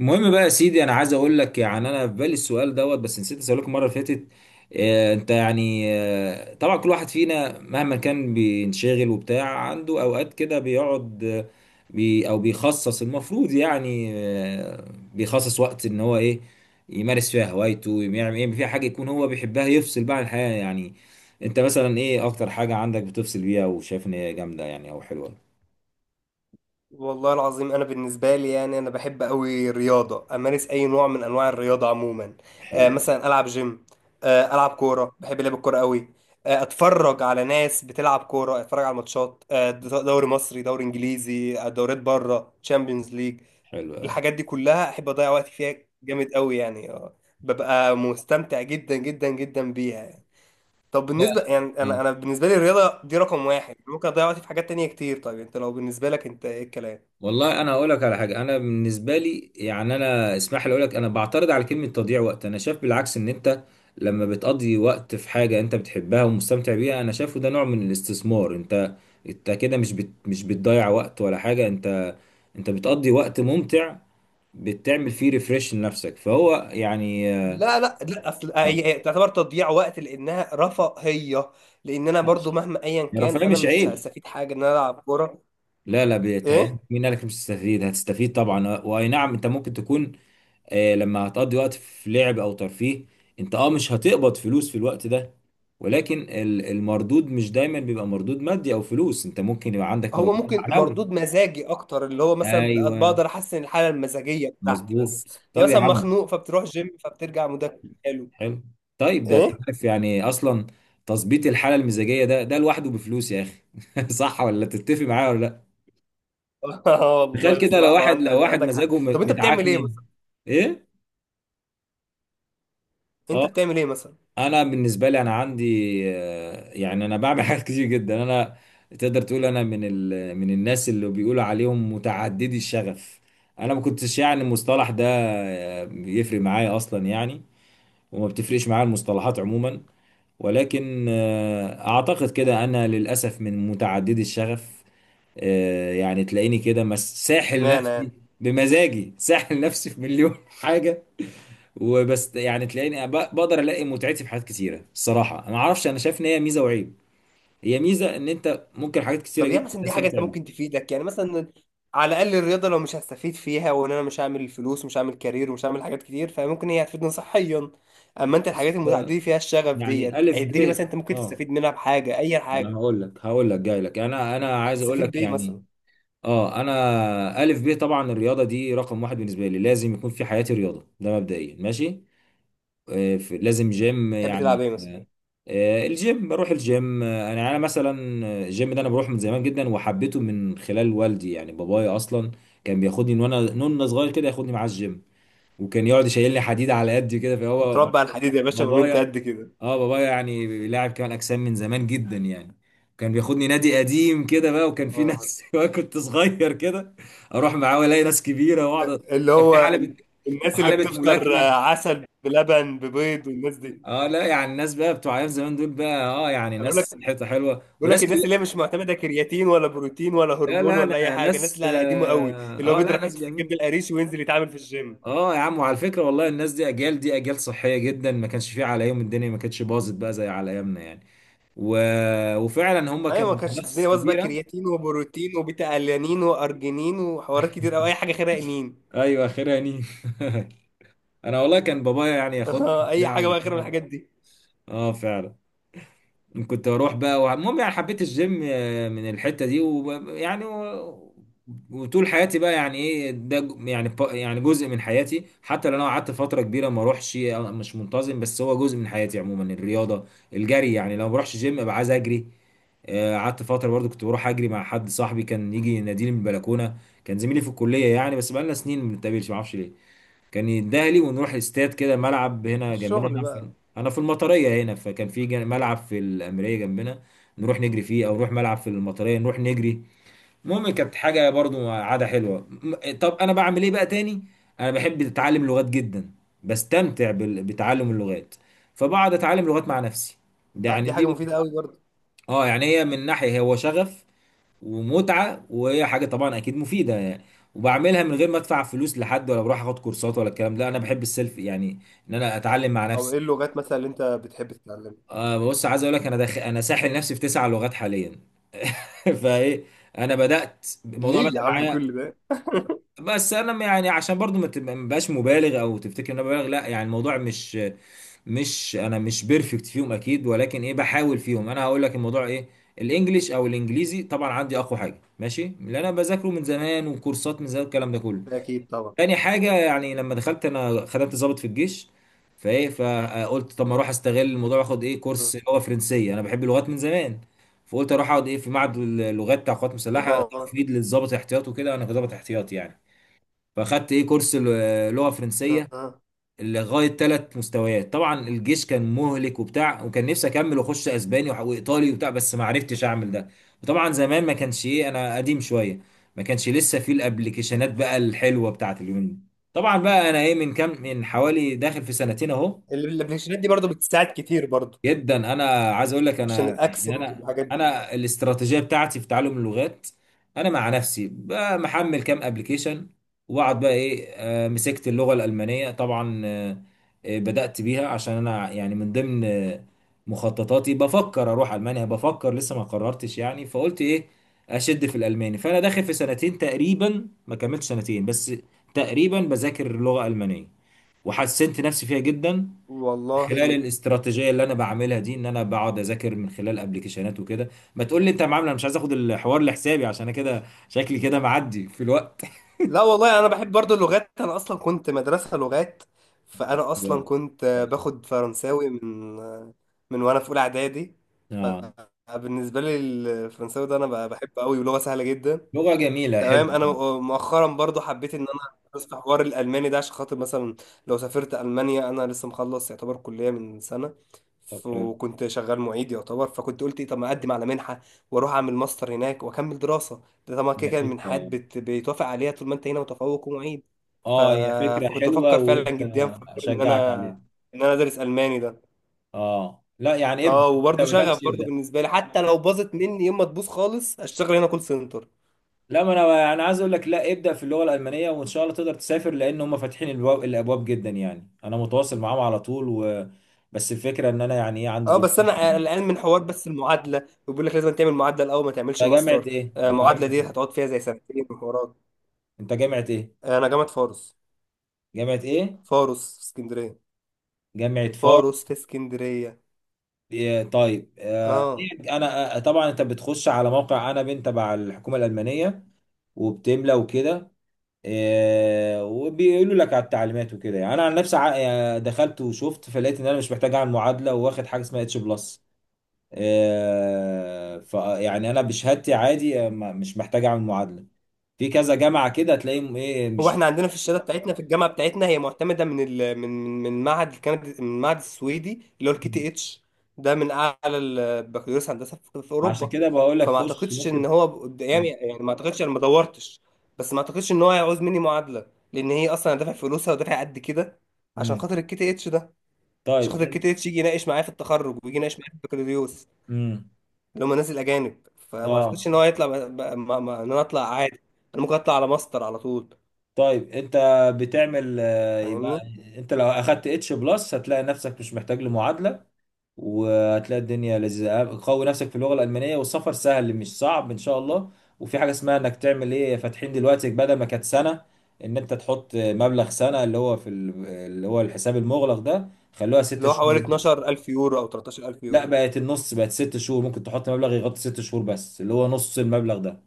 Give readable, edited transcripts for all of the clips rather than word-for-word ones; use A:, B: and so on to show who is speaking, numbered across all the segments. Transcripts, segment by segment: A: المهم بقى يا سيدي، انا عايز اقول لك يعني انا في بالي السؤال دوت، بس نسيت اسالك المره اللي فاتت. انت يعني، طبعا كل واحد فينا مهما كان بينشغل وبتاع، عنده اوقات كده بيقعد، بي او بيخصص، المفروض يعني، بيخصص وقت ان هو ايه يمارس فيها هوايته، يعمل ايه فيها حاجه يكون هو بيحبها، يفصل بقى عن الحياه يعني. انت مثلا ايه اكتر حاجه عندك بتفصل بيها وشايف ان هي جامده يعني او حلوه؟
B: والله العظيم، انا بالنسبه لي يعني انا بحب قوي الرياضه، امارس اي نوع من انواع الرياضه عموما.
A: حلوه
B: مثلا العب جيم. العب كوره، بحب لعب الكوره قوي. اتفرج على ناس بتلعب كوره، اتفرج على ماتشات دوري مصري، دوري انجليزي، دوريات بره، تشامبيونز ليج.
A: حلوه
B: الحاجات دي كلها احب اضيع وقتي فيها. جامد قوي يعني ببقى مستمتع جدا جدا جدا بيها يعني. طب بالنسبه،
A: قوي.
B: يعني انا بالنسبه لي الرياضه دي رقم واحد، ممكن اضيع وقتي في حاجات تانية كتير. طيب انت لو بالنسبه لك انت ايه الكلام؟
A: والله انا هقول لك على حاجه، انا بالنسبه لي يعني، انا اسمح لي اقول لك، انا بعترض على كلمه تضييع وقت. انا شايف بالعكس، ان انت لما بتقضي وقت في حاجه انت بتحبها ومستمتع بيها، انا شايفه ده نوع من الاستثمار. انت كده مش بت مش بتضيع وقت ولا حاجه، انت بتقضي وقت ممتع، بتعمل فيه ريفريش لنفسك، فهو يعني.
B: لا لا لا، اصل
A: اه،
B: هي تعتبر تضييع وقت لانها رفاهيه. لان انا برضو
A: ماشي.
B: مهما ايا كان
A: الرفاهيه
B: انا
A: مش
B: مش
A: عيب.
B: هستفيد حاجه ان انا العب كوره.
A: لا لا،
B: ايه.
A: بيتهيألك، مين قالك مش هتستفيد؟ هتستفيد طبعا، واي نعم، انت ممكن تكون لما هتقضي وقت في لعب او ترفيه، انت اه مش هتقبض فلوس في الوقت ده، ولكن المردود مش دايما بيبقى مردود مادي او فلوس، انت ممكن يبقى عندك
B: هو
A: مردود
B: ممكن
A: معنوي.
B: مردود مزاجي اكتر، اللي هو مثلا
A: ايوه،
B: بقدر احسن الحاله المزاجيه بتاعتي بس.
A: مظبوط، طب
B: يعني
A: يا
B: مثلا
A: عم.
B: مخنوق، فبتروح جيم، فبترجع مودك حلو.
A: حلو. طيب، ده انت
B: ايه.
A: عارف يعني اصلا، تظبيط الحاله المزاجيه ده لوحده بفلوس يا اخي. صح، ولا تتفق معايا ولا لا؟ تخيل
B: والله
A: كده، لو
B: بصراحه،
A: واحد
B: وانت
A: لو
B: انت
A: واحد
B: عندك حق.
A: مزاجه
B: طب انت بتعمل ايه
A: متعكنن.
B: مثلا؟
A: ايه،
B: انت
A: اه.
B: بتعمل ايه مثلا؟
A: انا بالنسبه لي انا عندي، يعني انا بعمل حاجات كتير جدا. انا تقدر تقول انا من من الناس اللي بيقولوا عليهم متعددي الشغف. انا ما كنتش يعني المصطلح ده بيفرق معايا اصلا يعني، وما بتفرقش معايا المصطلحات عموما، ولكن اعتقد كده انا للاسف من متعددي الشغف. يعني تلاقيني كده ساحل
B: اشمعنى يعني؟
A: نفسي بمزاجي، ساحل نفسي في مليون حاجه. وبس يعني تلاقيني بقدر الاقي متعتي في حاجات كتيره. الصراحه ما اعرفش، انا شايف ان هي ميزه وعيب، هي ميزه ان انت ممكن حاجات كتيره
B: طب يعني
A: جدا
B: مثلا دي حاجه انت
A: تستمتع بيها.
B: ممكن تفيدك يعني مثلا؟ على الاقل الرياضه، لو مش هستفيد فيها وان انا مش هعمل فلوس ومش هعمل كارير ومش هعمل حاجات كتير، فممكن هي هتفيدني صحيا. اما انت الحاجات
A: بص
B: المتعدده فيها الشغف
A: يعني
B: ديت،
A: الف
B: عد لي
A: ب،
B: مثلا انت ممكن
A: اه،
B: تستفيد منها بحاجه اي
A: انا
B: حاجه.
A: هقول لك جاي لك، انا عايز اقول
B: هتستفيد
A: لك
B: بايه مثلا؟
A: يعني، اه، انا الف ب طبعا الرياضه دي رقم واحد بالنسبه لي، لازم يكون في حياتي رياضه، ده مبدئيا. ماشي، لازم جيم
B: تحب تلعب
A: يعني.
B: ايه مثلا؟
A: الجيم بروح الجيم. انا مثلا، الجيم ده انا بروح من زمان جدا، وحبيته من خلال والدي يعني، بابايا اصلا كان بياخدني من وانا نون صغير كده، ياخدني معاه الجيم، وكان يقعد يشيلني حديد على قدي كده، فهو
B: متربع على الحديد يا باشا من وانت
A: بابايا.
B: قد كده؟
A: اه، بابايا يعني لاعب كمال اجسام من زمان جدا يعني، كان بياخدني نادي قديم كده بقى، وكان في
B: آه.
A: ناس وانا كنت صغير كده اروح معاه والاقي ناس كبيره واقعد.
B: اللي
A: كان في
B: هو
A: حلبة،
B: الناس اللي
A: وحلبة
B: بتفطر
A: ملاكمة.
B: عسل بلبن ببيض والناس دي.
A: اه، لا يعني الناس بقى بتوع ايام زمان دول بقى، اه يعني
B: اقول لك.
A: ناس حته حلوه
B: بيقول لك
A: وناس.
B: الناس اللي هي مش معتمده كرياتين ولا بروتين ولا
A: لا
B: هرمون
A: لا
B: ولا اي
A: لا،
B: حاجه، الناس
A: ناس
B: اللي على قديمه قوي،
A: اه،
B: اللي هو
A: لا،
B: بيضرب
A: ناس
B: حته الجبن
A: جميل.
B: القريش وينزل يتعامل في الجيم.
A: اه يا عم، وعلى فكره والله، الناس دي اجيال صحيه جدا، ما كانش فيها على يوم الدنيا، ما كانتش باظت بقى زي على ايامنا يعني. و... وفعلا هم
B: ايوه، ما
A: كانوا
B: كانش
A: ناس
B: الدنيا باظت بقى
A: كبيره.
B: كرياتين وبروتين وبيتا الانين وارجينين وحوارات كتير او اي حاجه خيرها انين.
A: ايوه، اخرها نيم. انا والله كان بابايا يعني ياخدني
B: اي
A: وبتاع
B: حاجه بقى خير من
A: وبتاع.
B: الحاجات دي.
A: اه فعلا، كنت اروح بقى المهم يعني حبيت الجيم من الحته دي، ويعني وطول حياتي بقى يعني ايه ده يعني يعني جزء من حياتي، حتى لو انا قعدت فتره كبيره ما اروحش، مش منتظم، بس هو جزء من حياتي عموما الرياضه. الجري يعني، لو ما بروحش جيم ابقى عايز اجري. قعدت فتره برضو كنت بروح اجري مع حد، صاحبي كان يجي يناديني من البلكونه، كان زميلي في الكليه يعني، بس بقالنا سنين ما بنتقابلش، ما اعرفش ليه، كان يديها لي، ونروح استاد كده، ملعب هنا جنبنا
B: الشغل
A: هنا،
B: بقى؟
A: في انا في المطريه هنا، فكان في ملعب في الامريه جنبنا، نروح نجري فيه، او نروح ملعب في المطريه نروح نجري. المهم كانت حاجه برضو عاده حلوه. طب انا بعمل ايه بقى تاني؟ انا بحب اتعلم لغات جدا، بستمتع بتعلم اللغات، فبقعد اتعلم لغات مع نفسي. ده
B: طب
A: يعني
B: دي حاجه
A: دي،
B: مفيده قوي برضه.
A: اه يعني هي من ناحيه هو شغف ومتعه، وهي حاجه طبعا اكيد مفيده يعني، وبعملها من غير ما ادفع فلوس لحد، ولا بروح اخد كورسات ولا الكلام ده، انا بحب السيلف يعني، ان انا اتعلم مع
B: طب
A: نفسي.
B: ايه اللغات مثلا اللي انت بتحب تتعلمها؟
A: بص، عايز اقول لك، انا انا ساحل نفسي في 9 لغات حاليا. فايه؟ انا بدات الموضوع
B: ليه يا
A: بدا
B: عم
A: معايا،
B: كل ده؟
A: بس انا يعني عشان برضو ما بقاش مبالغ او تفتكر ان انا ببالغ، لا يعني الموضوع مش انا مش بيرفكت فيهم اكيد، ولكن ايه بحاول فيهم. انا هقول لك الموضوع ايه. الانجليش او الانجليزي طبعا عندي اقوى حاجه، ماشي، اللي انا بذاكره من زمان، وكورسات من زمان، الكلام ده كله.
B: ده اكيد طبعا.
A: تاني حاجه، يعني لما دخلت انا خدمت ضابط في الجيش، فايه، فقلت طب ما اروح استغل الموضوع واخد ايه
B: اه،
A: كورس اللي هو فرنسيه، انا بحب اللغات من زمان. فقلت اروح اقعد ايه في معهد اللغات بتاع القوات المسلحه،
B: اه.
A: تفيد للضابط احتياط وكده، انا كضابط احتياط يعني. فاخدت ايه كورس لغه فرنسيه،
B: آه.
A: لغايه 3 مستويات. طبعا الجيش كان مهلك وبتاع، وكان نفسي اكمل واخش اسباني وايطالي وبتاع، بس ما عرفتش اعمل ده. وطبعا زمان ما كانش ايه، انا قديم شويه، ما كانش لسه في الابليكيشنات بقى الحلوه بتاعت اليومين دي. طبعا بقى انا ايه، من كام، من حوالي داخل في سنتين اهو.
B: الابلكيشنات دي برضه بتساعد كتير برضه،
A: جدا، انا عايز اقول لك
B: عشان
A: انا يعني،
B: الاكسنت
A: انا
B: والحاجات دي.
A: انا الاستراتيجيه بتاعتي في تعلم اللغات، انا مع نفسي بقى محمل كام ابلكيشن، واقعد بقى ايه، مسكت اللغه الالمانيه طبعا. بدات بيها عشان انا يعني من ضمن مخططاتي بفكر اروح المانيا، بفكر لسه ما قررتش يعني. فقلت ايه، اشد في الالماني، فانا داخل في سنتين تقريبا، ما كملتش سنتين بس، تقريبا بذاكر لغه المانيه وحسنت نفسي فيها جدا،
B: والله.
A: خلال الاستراتيجيه اللي انا بعملها دي، ان انا بقعد اذاكر من خلال ابلكيشنات وكده. ما تقول لي انت معامله، انا مش عايز اخد الحوار لحسابي عشان انا كده شكلي كده معدي في الوقت.
B: لا والله، انا بحب برضو اللغات، انا اصلا كنت مدرسة لغات.
A: طب
B: فانا اصلا
A: كده
B: كنت
A: كويس.
B: باخد فرنساوي من وانا في اولى اعدادي.
A: اه،
B: فبالنسبة لي الفرنساوي ده انا بحبه قوي، ولغة سهلة جدا.
A: لغه جميله، حلو.
B: تمام. انا مؤخرا برضو حبيت ان انا ادرس في حوار الالماني ده، عشان خاطر مثلا لو سافرت المانيا. انا لسه مخلص يعتبر كليه من سنه،
A: طب حلو.
B: وكنت شغال معيد يعتبر، فكنت قلت ايه، طب ما اقدم على منحه واروح اعمل ماستر هناك واكمل دراسه. ده طبعا كده
A: هي
B: كده المنحات
A: فكره،
B: بيتوافق عليها طول ما انت هنا متفوق ومعيد. ف...
A: اه هي فكره
B: فكنت
A: حلوه
B: بفكر فعلا
A: وانت،
B: جديا في حوار ان
A: اشجعك
B: انا
A: عليها.
B: ادرس الماني ده.
A: اه لا يعني ابدا،
B: اه،
A: انت ما
B: وبرضه شغف
A: بداتش
B: برضه
A: ابدا.
B: بالنسبه لي، حتى لو باظت مني يوم ما تبوظ خالص اشتغل هنا كول سنتر.
A: لا، ما انا عايز اقول لك، لا ابدا في اللغه الالمانيه، وان شاء الله تقدر تسافر، لان هم فاتحين الابواب جدا يعني، انا متواصل معاهم على طول، بس الفكره ان انا يعني ايه، عندي
B: اه
A: ظروف
B: بس انا
A: معينه.
B: قلقان من حوار بس المعادله، وبيقول لك لازم تعمل معادله الاول ما تعملش
A: انت جامعه
B: ماستر.
A: ايه؟ انت جامعه
B: المعادله دي
A: ايه؟
B: هتقعد فيها زي سنتين وحوارات.
A: انت جامعه ايه؟
B: انا جامعه فاروس.
A: جامعه ايه؟
B: فاروس في اسكندريه.
A: جامعه
B: فاروس
A: فاروس؟
B: في اسكندريه.
A: إيه طيب،
B: اه،
A: انا طبعا انت بتخش على موقع، انا بنت تبع الحكومه الالمانيه، وبتملى وكده، وبيقولوا لك على التعليمات وكده يعني. انا عن نفسي، دخلت وشفت، فلقيت ان انا مش محتاج اعمل معادله، واخد حاجه اسمها H+. يعني انا بشهادتي عادي، مش محتاج اعمل معادله. في كذا جامعه كده تلاقيهم ايه،
B: هو
A: مش.
B: احنا عندنا في الشهاده بتاعتنا، في الجامعه بتاعتنا، هي معتمده من من معهد الكندي، من المعهد السويدي اللي هو الكي تي اتش. ده من اعلى البكالوريوس هندسه في
A: عشان
B: اوروبا.
A: كده بقول لك
B: فما
A: خش
B: اعتقدش
A: ممكن.
B: ان هو قدامي،
A: مم.
B: يعني ما اعتقدش، انا ما دورتش. بس ما اعتقدش ان هو هيعوز مني معادله، لان هي اصلا انا دافع فلوسها ودافع قد كده عشان
A: مم.
B: خاطر الكي تي اتش ده، عشان
A: طيب
B: خاطر الكي
A: انت.
B: تي اتش يجي يناقش معايا في التخرج ويجي يناقش معايا في البكالوريوس،
A: مم.
B: اللي هم الناس الاجانب. فما
A: اه
B: اعتقدش ان هو هيطلع ب... ب... ما... ما... ان انا اطلع عادي. انا ممكن اطلع على ماستر على طول.
A: طيب انت بتعمل، يبقى
B: فاهمني.
A: انت لو اخدت H+ هتلاقي نفسك مش محتاج لمعادله، وهتلاقي الدنيا لذيذة. قوي نفسك في اللغة الألمانية، والسفر سهل مش صعب إن شاء الله. وفي حاجة اسمها إنك تعمل إيه، فاتحين دلوقتي بدل ما كانت سنة، إن أنت تحط مبلغ سنة اللي هو في اللي هو الحساب المغلق ده، خلوها ست
B: اللي هو
A: شهور
B: حوالي
A: دلوقتي.
B: 12000 يورو او 13000
A: لا،
B: يورو.
A: بقت النص، بقت 6 شهور، ممكن تحط مبلغ يغطي 6 شهور بس، اللي هو نص المبلغ ده.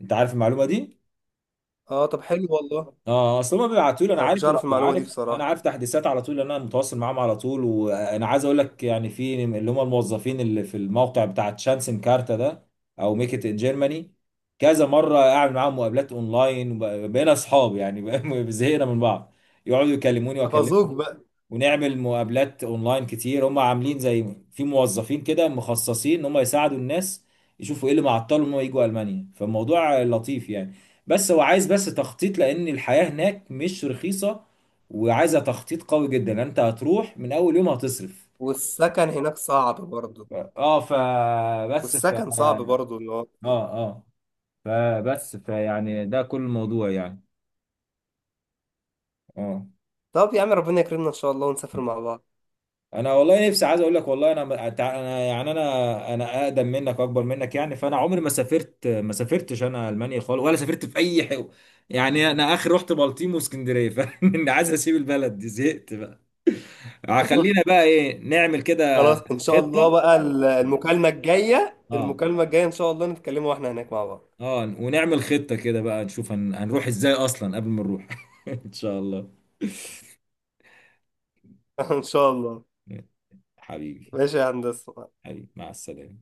A: أنت عارف المعلومة دي؟
B: اه طب حلو والله.
A: اه، اصل هم بيبعتوا لي، انا
B: انا كنتش
A: عارف ال-
B: اعرف المعلومه دي
A: عارف انا
B: بصراحه.
A: عارف تحديثات على طول، لان انا متواصل معاهم على طول. وانا عايز اقول لك يعني، في اللي هم الموظفين اللي في الموقع بتاع شانسن كارتا ده، او ميك ات ان جيرماني، كذا مره اعمل معاهم مقابلات اونلاين، بقينا اصحاب يعني، زهقنا من بعض. يقعدوا يكلموني
B: حفظوك
A: واكلمهم،
B: بقى.
A: ونعمل مقابلات اونلاين كتير. هم عاملين زي في موظفين كده مخصصين ان هم يساعدوا الناس، يشوفوا ايه اللي معطلهم ان هم يجوا المانيا، فالموضوع لطيف يعني. بس هو عايز بس تخطيط، لان الحياة هناك مش رخيصة، وعايزة تخطيط قوي جدا، لأن انت هتروح من اول يوم هتصرف.
B: والسكن هناك صعب برضه.
A: ف- اه فبس ف
B: والسكن صعب
A: اه
B: برضه، اللي هو.
A: اه فبس فيعني ده كل الموضوع يعني. اه.
B: طب يا عم ربنا يكرمنا ان شاء الله ونسافر مع بعض.
A: انا والله نفسي، عايز اقول لك، والله انا يعني انا اقدم منك اكبر منك يعني، فانا عمري ما سافرت، ما سافرتش انا المانيا خالص، ولا سافرت في اي يعني انا اخر رحت بلطيم واسكندريه. فانا عايز اسيب البلد دي، زهقت بقى. خلينا بقى ايه نعمل كده،
B: خلاص، ان شاء الله
A: خطه.
B: بقى المكالمه الجايه
A: اه
B: المكالمه الجايه ان شاء الله نتكلموا واحنا هناك مع بعض.
A: اه ونعمل خطه كده بقى، نشوف هنروح ازاي اصلا قبل ما نروح. ان شاء الله.
B: ان شاء الله.
A: حبيبي،
B: ماشي يا هندسه.
A: حبيبي مع السلامه.